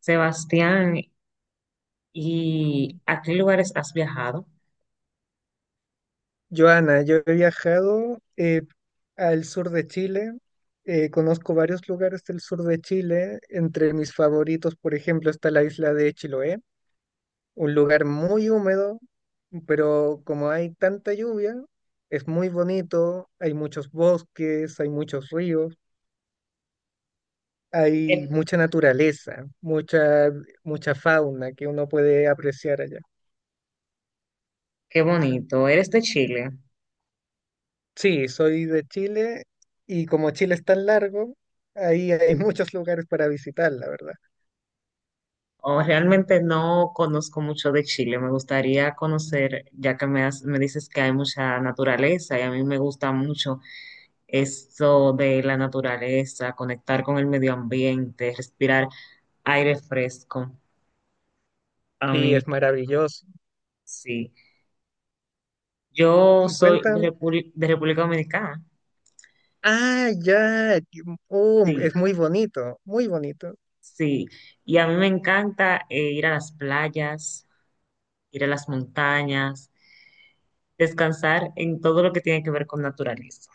Sebastián, ¿y a qué lugares has viajado? Joana, yo he viajado al sur de Chile. Conozco varios lugares del sur de Chile. Entre mis favoritos, por ejemplo, está la isla de Chiloé, un lugar muy húmedo, pero como hay tanta lluvia, es muy bonito, hay muchos bosques, hay muchos ríos, Eh, hay mucha naturaleza, mucha fauna que uno puede apreciar allá. Qué bonito. ¿Eres de Chile? Sí, soy de Chile, y como Chile es tan largo, ahí hay muchos lugares para visitar, la verdad. O realmente no conozco mucho de Chile. Me gustaría conocer, ya que has- me dices que hay mucha naturaleza y a mí me gusta mucho eso de la naturaleza, conectar con el medio ambiente, respirar aire fresco. A Sí, mí, es maravilloso. sí. Yo Y soy cuentan, Repúbli- de República Dominicana. ah, ya, oh, Sí, es muy bonito, muy bonito. sí. Y a mí me encanta ir a las playas, ir a las montañas, descansar en todo lo que tiene que ver con naturaleza.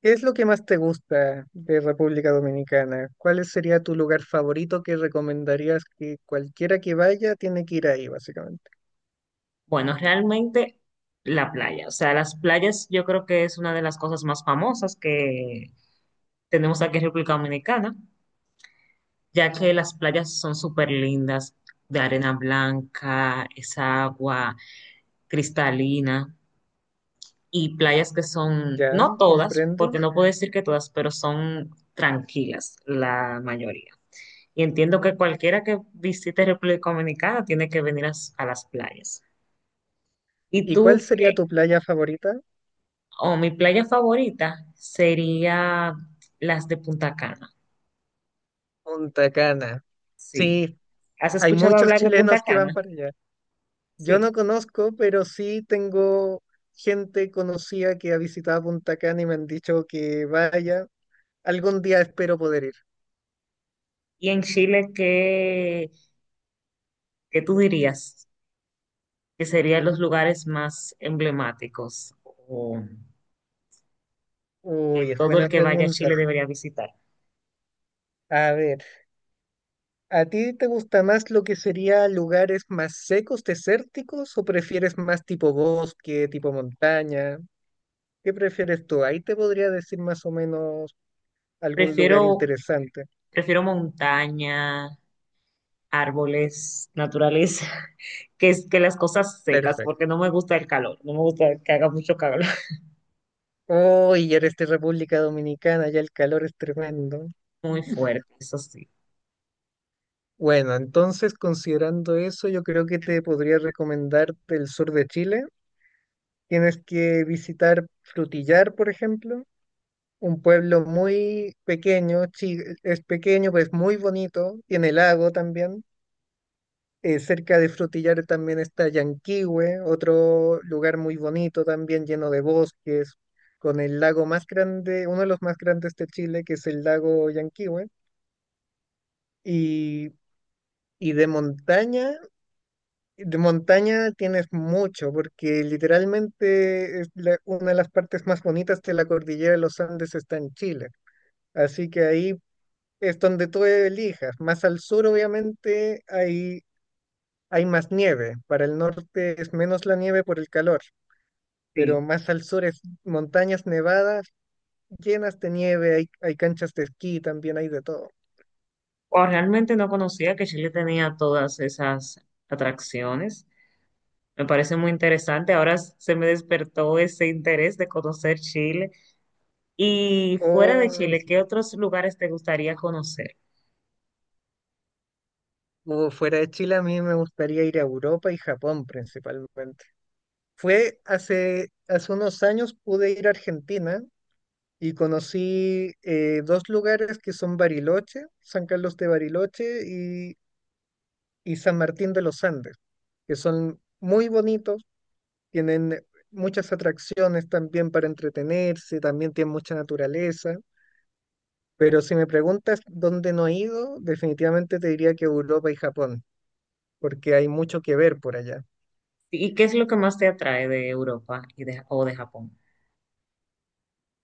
¿Qué es lo que más te gusta de República Dominicana? ¿Cuál sería tu lugar favorito que recomendarías que cualquiera que vaya tiene que ir ahí, básicamente? Bueno, realmente la playa, o sea, las playas yo creo que es una de las cosas más famosas que tenemos aquí en República Dominicana, ya que las playas son súper lindas, de arena blanca, esa agua cristalina y playas que son, Ya, no todas, comprendo. porque no puedo decir que todas, pero son tranquilas la mayoría. Y entiendo que cualquiera que visite República Dominicana tiene que venir s- a las playas. ¿Y ¿Y tú cuál sería tu qué? playa favorita? Oh, mi playa favorita sería las de Punta Cana. Punta Cana. Sí. Sí, ¿Has hay escuchado muchos hablar de Punta chilenos que van Cana? para allá. Yo no Sí. conozco, pero sí tengo gente conocida que ha visitado Punta Cana y me han dicho que vaya. Algún día espero poder ir. ¿Y en Chile qué tú dirías que serían los lugares más emblemáticos o que Uy, es todo el buena que vaya a pregunta. Chile debería visitar? A ver, ¿a ti te gusta más lo que sería lugares más secos, desérticos, o prefieres más tipo bosque, tipo montaña? ¿Qué prefieres tú? Ahí te podría decir más o menos algún lugar Prefiero, interesante. prefiero montaña, árboles, naturaleza, que, es- que las cosas secas, porque Perfecto. no me gusta el calor, no me gusta que haga mucho calor, Uy, ya eres de República Dominicana, ya el calor es tremendo. muy fuerte, eso sí, Bueno, entonces considerando eso, yo creo que te podría recomendar el sur de Chile. Tienes que visitar Frutillar, por ejemplo, un pueblo muy pequeño, es pequeño, pero es muy bonito, tiene lago también. Cerca de Frutillar también está Llanquihue, otro lugar muy bonito también, lleno de bosques, con el lago más grande, uno de los más grandes de Chile, que es el lago Llanquihue. Y, y de montaña. De montaña tienes mucho, porque literalmente es una de las partes más bonitas de la cordillera de los Andes está en Chile. Así que ahí es donde tú elijas. Más al sur, obviamente, hay más nieve. Para el norte es menos la nieve por el calor, pero sí. más al sur es montañas nevadas llenas de nieve. Hay canchas de esquí, también hay de todo. O realmente no conocía que Chile tenía todas esas atracciones. Me parece muy interesante. Ahora s- se me despertó ese interés de conocer Chile. Y fuera de Oh, Chile, sí. ¿qué otros lugares te gustaría conocer? O fuera de Chile, a mí me gustaría ir a Europa y Japón principalmente. Fue hace unos años pude ir a Argentina y conocí dos lugares que son Bariloche, San Carlos de Bariloche y San Martín de los Andes, que son muy bonitos, tienen muchas atracciones también para entretenerse, también tienen mucha naturaleza. Pero si me preguntas dónde no he ido, definitivamente te diría que Europa y Japón, porque hay mucho que ver por allá. ¿Y qué es lo que más te atrae de Europa o de Japón?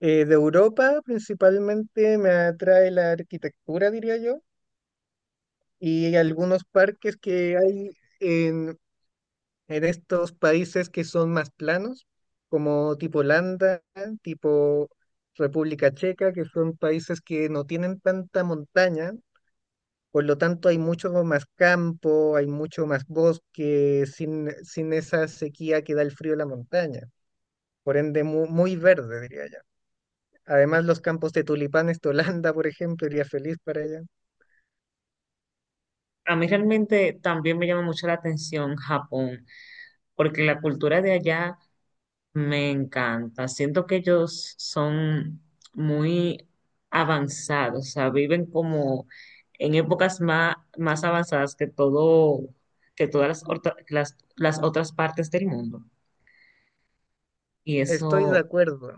De Europa principalmente me atrae la arquitectura, diría yo, y algunos parques que hay en, en estos países que son más planos, como tipo Holanda, tipo República Checa, que son países que no tienen tanta montaña, por lo tanto hay mucho más campo, hay mucho más bosque, sin esa sequía que da el frío de la montaña, por ende muy verde, diría yo. Además, los campos de tulipanes de Holanda, por ejemplo, iría feliz para allá. A mí realmente también me llama mucho la atención Japón, porque la cultura de allá me encanta. Siento que ellos son muy avanzados, o sea, viven como en épocas más, más avanzadas que todo, que todas orta- las otras partes del mundo. Y Estoy de eso, acuerdo.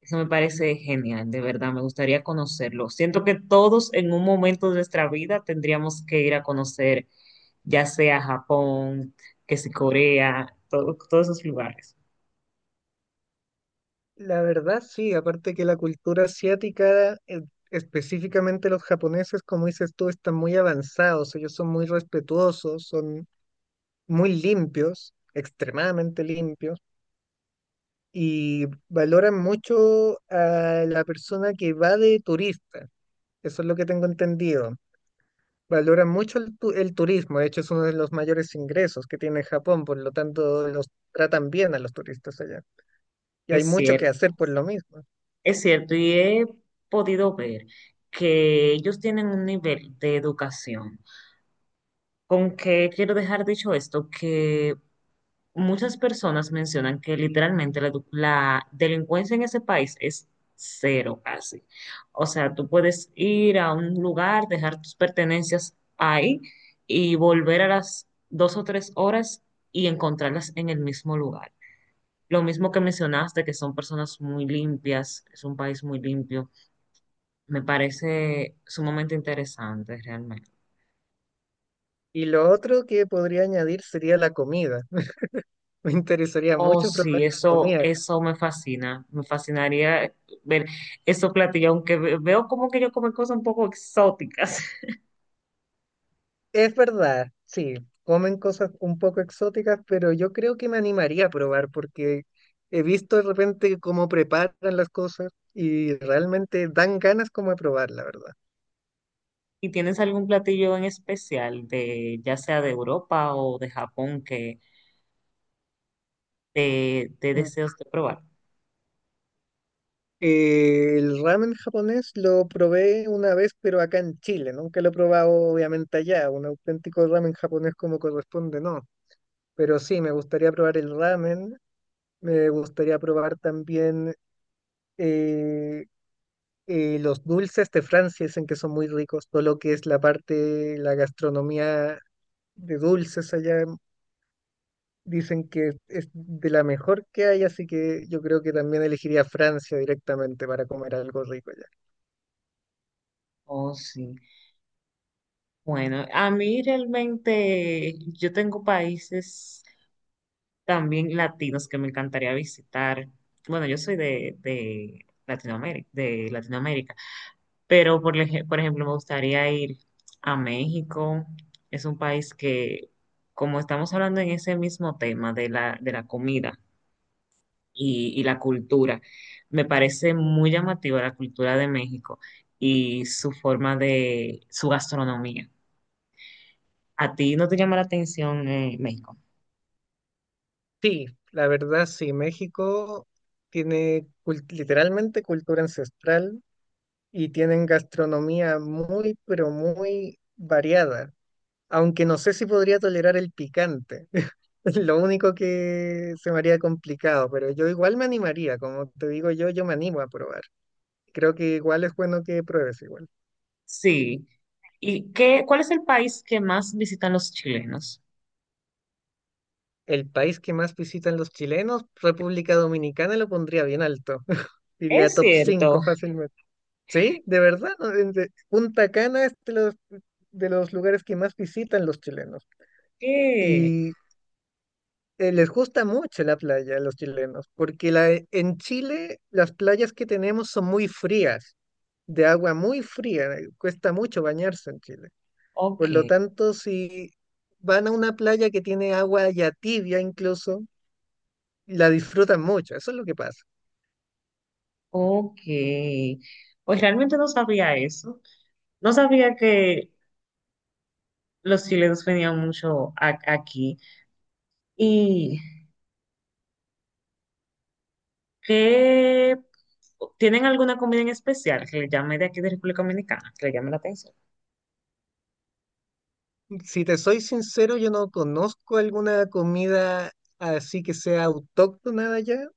eso me parece genial, de verdad, me gustaría conocerlo. Siento que todos en un momento de nuestra vida tendríamos que ir a conocer, ya sea Japón, que si Corea, todos esos lugares. La verdad, sí, aparte que la cultura asiática, específicamente los japoneses, como dices tú, están muy avanzados, ellos son muy respetuosos, son muy limpios, extremadamente limpios, y valoran mucho a la persona que va de turista, eso es lo que tengo entendido. Valoran mucho el turismo. De hecho, es uno de los mayores ingresos que tiene Japón, por lo tanto los tratan bien a los turistas allá, y hay Es mucho que cierto. hacer por lo mismo. Es cierto, y he podido ver que ellos tienen un nivel de educación. Con que quiero dejar dicho esto, que muchas personas mencionan que literalmente edu- la delincuencia en ese país es cero casi. O sea, tú puedes ir a un lugar, dejar tus pertenencias ahí y volver a las dos o tres horas y encontrarlas en el mismo lugar. Lo mismo que mencionaste, que son personas muy limpias, es un país muy limpio, me parece sumamente interesante realmente. Y lo otro que podría añadir sería la comida. Me interesaría Oh, mucho probar sí, la eso, comida. Eso me fascina. Me fascinaría ver esos platillos, aunque ve- veo como que ellos comen cosas un poco exóticas. Es verdad, sí, comen cosas un poco exóticas, pero yo creo que me animaría a probar porque he visto de repente cómo preparan las cosas y realmente dan ganas como de probar, la verdad. ¿Y tienes algún platillo en especial de, ya sea de Europa o de Japón, que te Mm. deseos de probar? El ramen japonés lo probé una vez, pero acá en Chile, nunca lo he probado. Obviamente allá, un auténtico ramen japonés como corresponde, no. Pero sí, me gustaría probar el ramen. Me gustaría probar también eh, los dulces de Francia, dicen que son muy ricos. Todo lo que es la gastronomía de dulces allá, dicen que es de la mejor que hay, así que yo creo que también elegiría Francia directamente para comer algo rico allá. Oh, sí. Bueno, a mí realmente yo tengo países también latinos que me encantaría visitar. Bueno, yo soy de Latinoamérica, pero por, ej- por ejemplo me gustaría ir a México. Es un país que, como estamos hablando en ese mismo tema de de la comida y la cultura, me parece muy llamativa la cultura de México y su forma de, su gastronomía. ¿A ti no te llama la atención, México? Sí, la verdad sí, México tiene literalmente cultura ancestral, y tienen gastronomía muy, pero muy variada, aunque no sé si podría tolerar el picante. Es lo único que se me haría complicado, pero yo igual me animaría, como te digo yo, yo me animo a probar. Creo que igual es bueno que pruebes igual. Sí. ¿Y qué, cuál es el país que más visitan los chilenos? El país que más visitan los chilenos, República Dominicana, lo pondría bien alto. Diría Es top cierto 5 fácilmente. Sí, de verdad, ¿no? Punta Cana es de los lugares que más visitan los chilenos. que, Y les gusta mucho la playa a los chilenos, porque en Chile las playas que tenemos son muy frías, de agua muy fría. Cuesta mucho bañarse en Chile. ok, Por lo tanto, si van a una playa que tiene agua ya tibia incluso, la disfrutan mucho, eso es lo que pasa. ok. Pues realmente no sabía eso. No sabía que los chilenos venían mucho a- aquí. ¿Y qué, tienen alguna comida en especial que le llame de aquí de República Dominicana, que le llame la atención? Si te soy sincero, yo no conozco alguna comida así que sea autóctona de allá.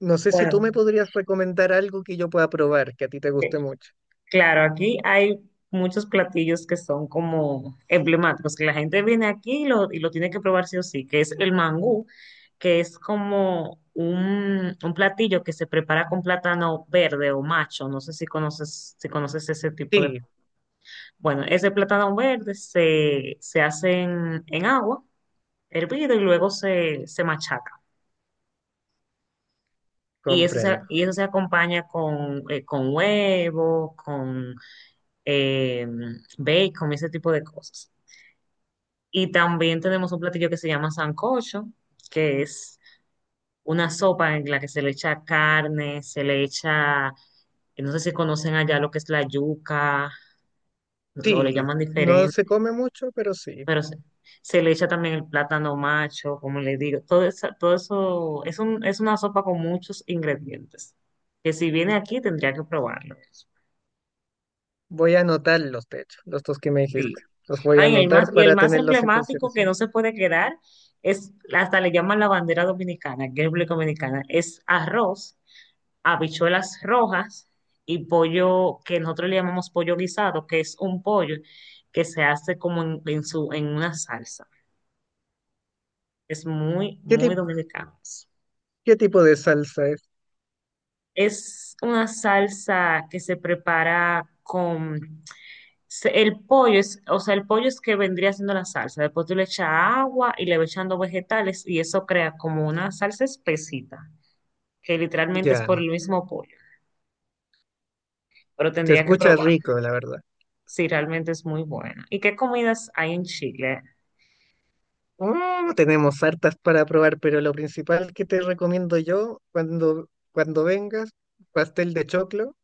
No sé si tú Bueno. me podrías recomendar algo que yo pueda probar, que a ti te guste mucho. Claro, aquí hay muchos platillos que son como emblemáticos, que la gente viene aquí y lo tiene que probar sí o sí, que es el mangú, que es como un platillo que se prepara con plátano verde o macho, no sé si conoces, si conoces ese tipo de... Sí, Bueno, ese plátano verde se, se hace en agua, hervido y luego se, se machaca. Comprendo. Y eso se acompaña con huevo, con eh, bacon, ese tipo de cosas. Y también tenemos un platillo que se llama sancocho, que es una sopa en la que se le echa carne, se le echa, no sé si conocen allá lo que es la yuca, o le Sí, llaman no se diferente, come mucho, pero sí. pero se le echa también el plátano macho, como le digo. Todo eso es un, es una sopa con muchos ingredientes, que si viene aquí tendría que probarlo. Voy a anotar los techos, los dos que me Sí. dijiste. Los voy a Ay, el anotar más, y el para más tenerlos en emblemático que consideración. no se puede quedar es, hasta le llaman la bandera dominicana, que es República Dominicana, es arroz, habichuelas rojas y pollo que nosotros le llamamos pollo guisado, que es un pollo que se hace como en su, en una salsa. Es muy, ¿Qué muy tip- dominicano. ¿Qué tipo de salsa es? Es una salsa que se prepara con se- El pollo es, o sea, el pollo es que vendría siendo la salsa. Después tú le echas agua y le vas echando vegetales y eso crea como una salsa espesita, que literalmente es Ya, por el mismo pollo. Pero se tendría que escucha probar rico, la verdad. si realmente es muy buena. ¿Y qué comidas hay en Chile? Mm, tenemos hartas para probar, pero lo principal que te recomiendo yo cuando vengas, pastel de choclo,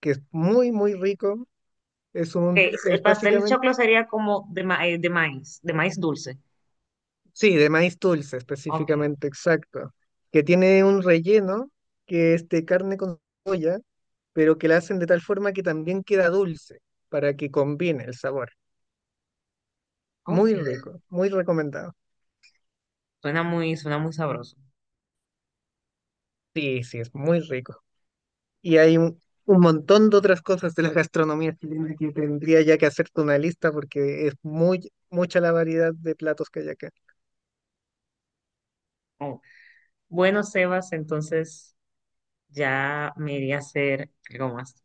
que es muy, muy rico. Es un, El es pastel de básicamente, choclo sería como ma- de maíz dulce. sí, de maíz dulce Ok, específicamente, exacto. Que tiene un relleno que es de carne con soya, pero que la hacen de tal forma que también queda dulce, para que combine el sabor. ok. Muy rico, muy recomendado. Suena muy sabroso. Sí, sí, es muy rico. Y hay un montón de otras cosas de la gastronomía chilena que tendría ya que hacerte una lista porque es muy mucha la variedad de platos que hay acá. Oh. Bueno, Sebas, entonces ya me iría a hacer algo más.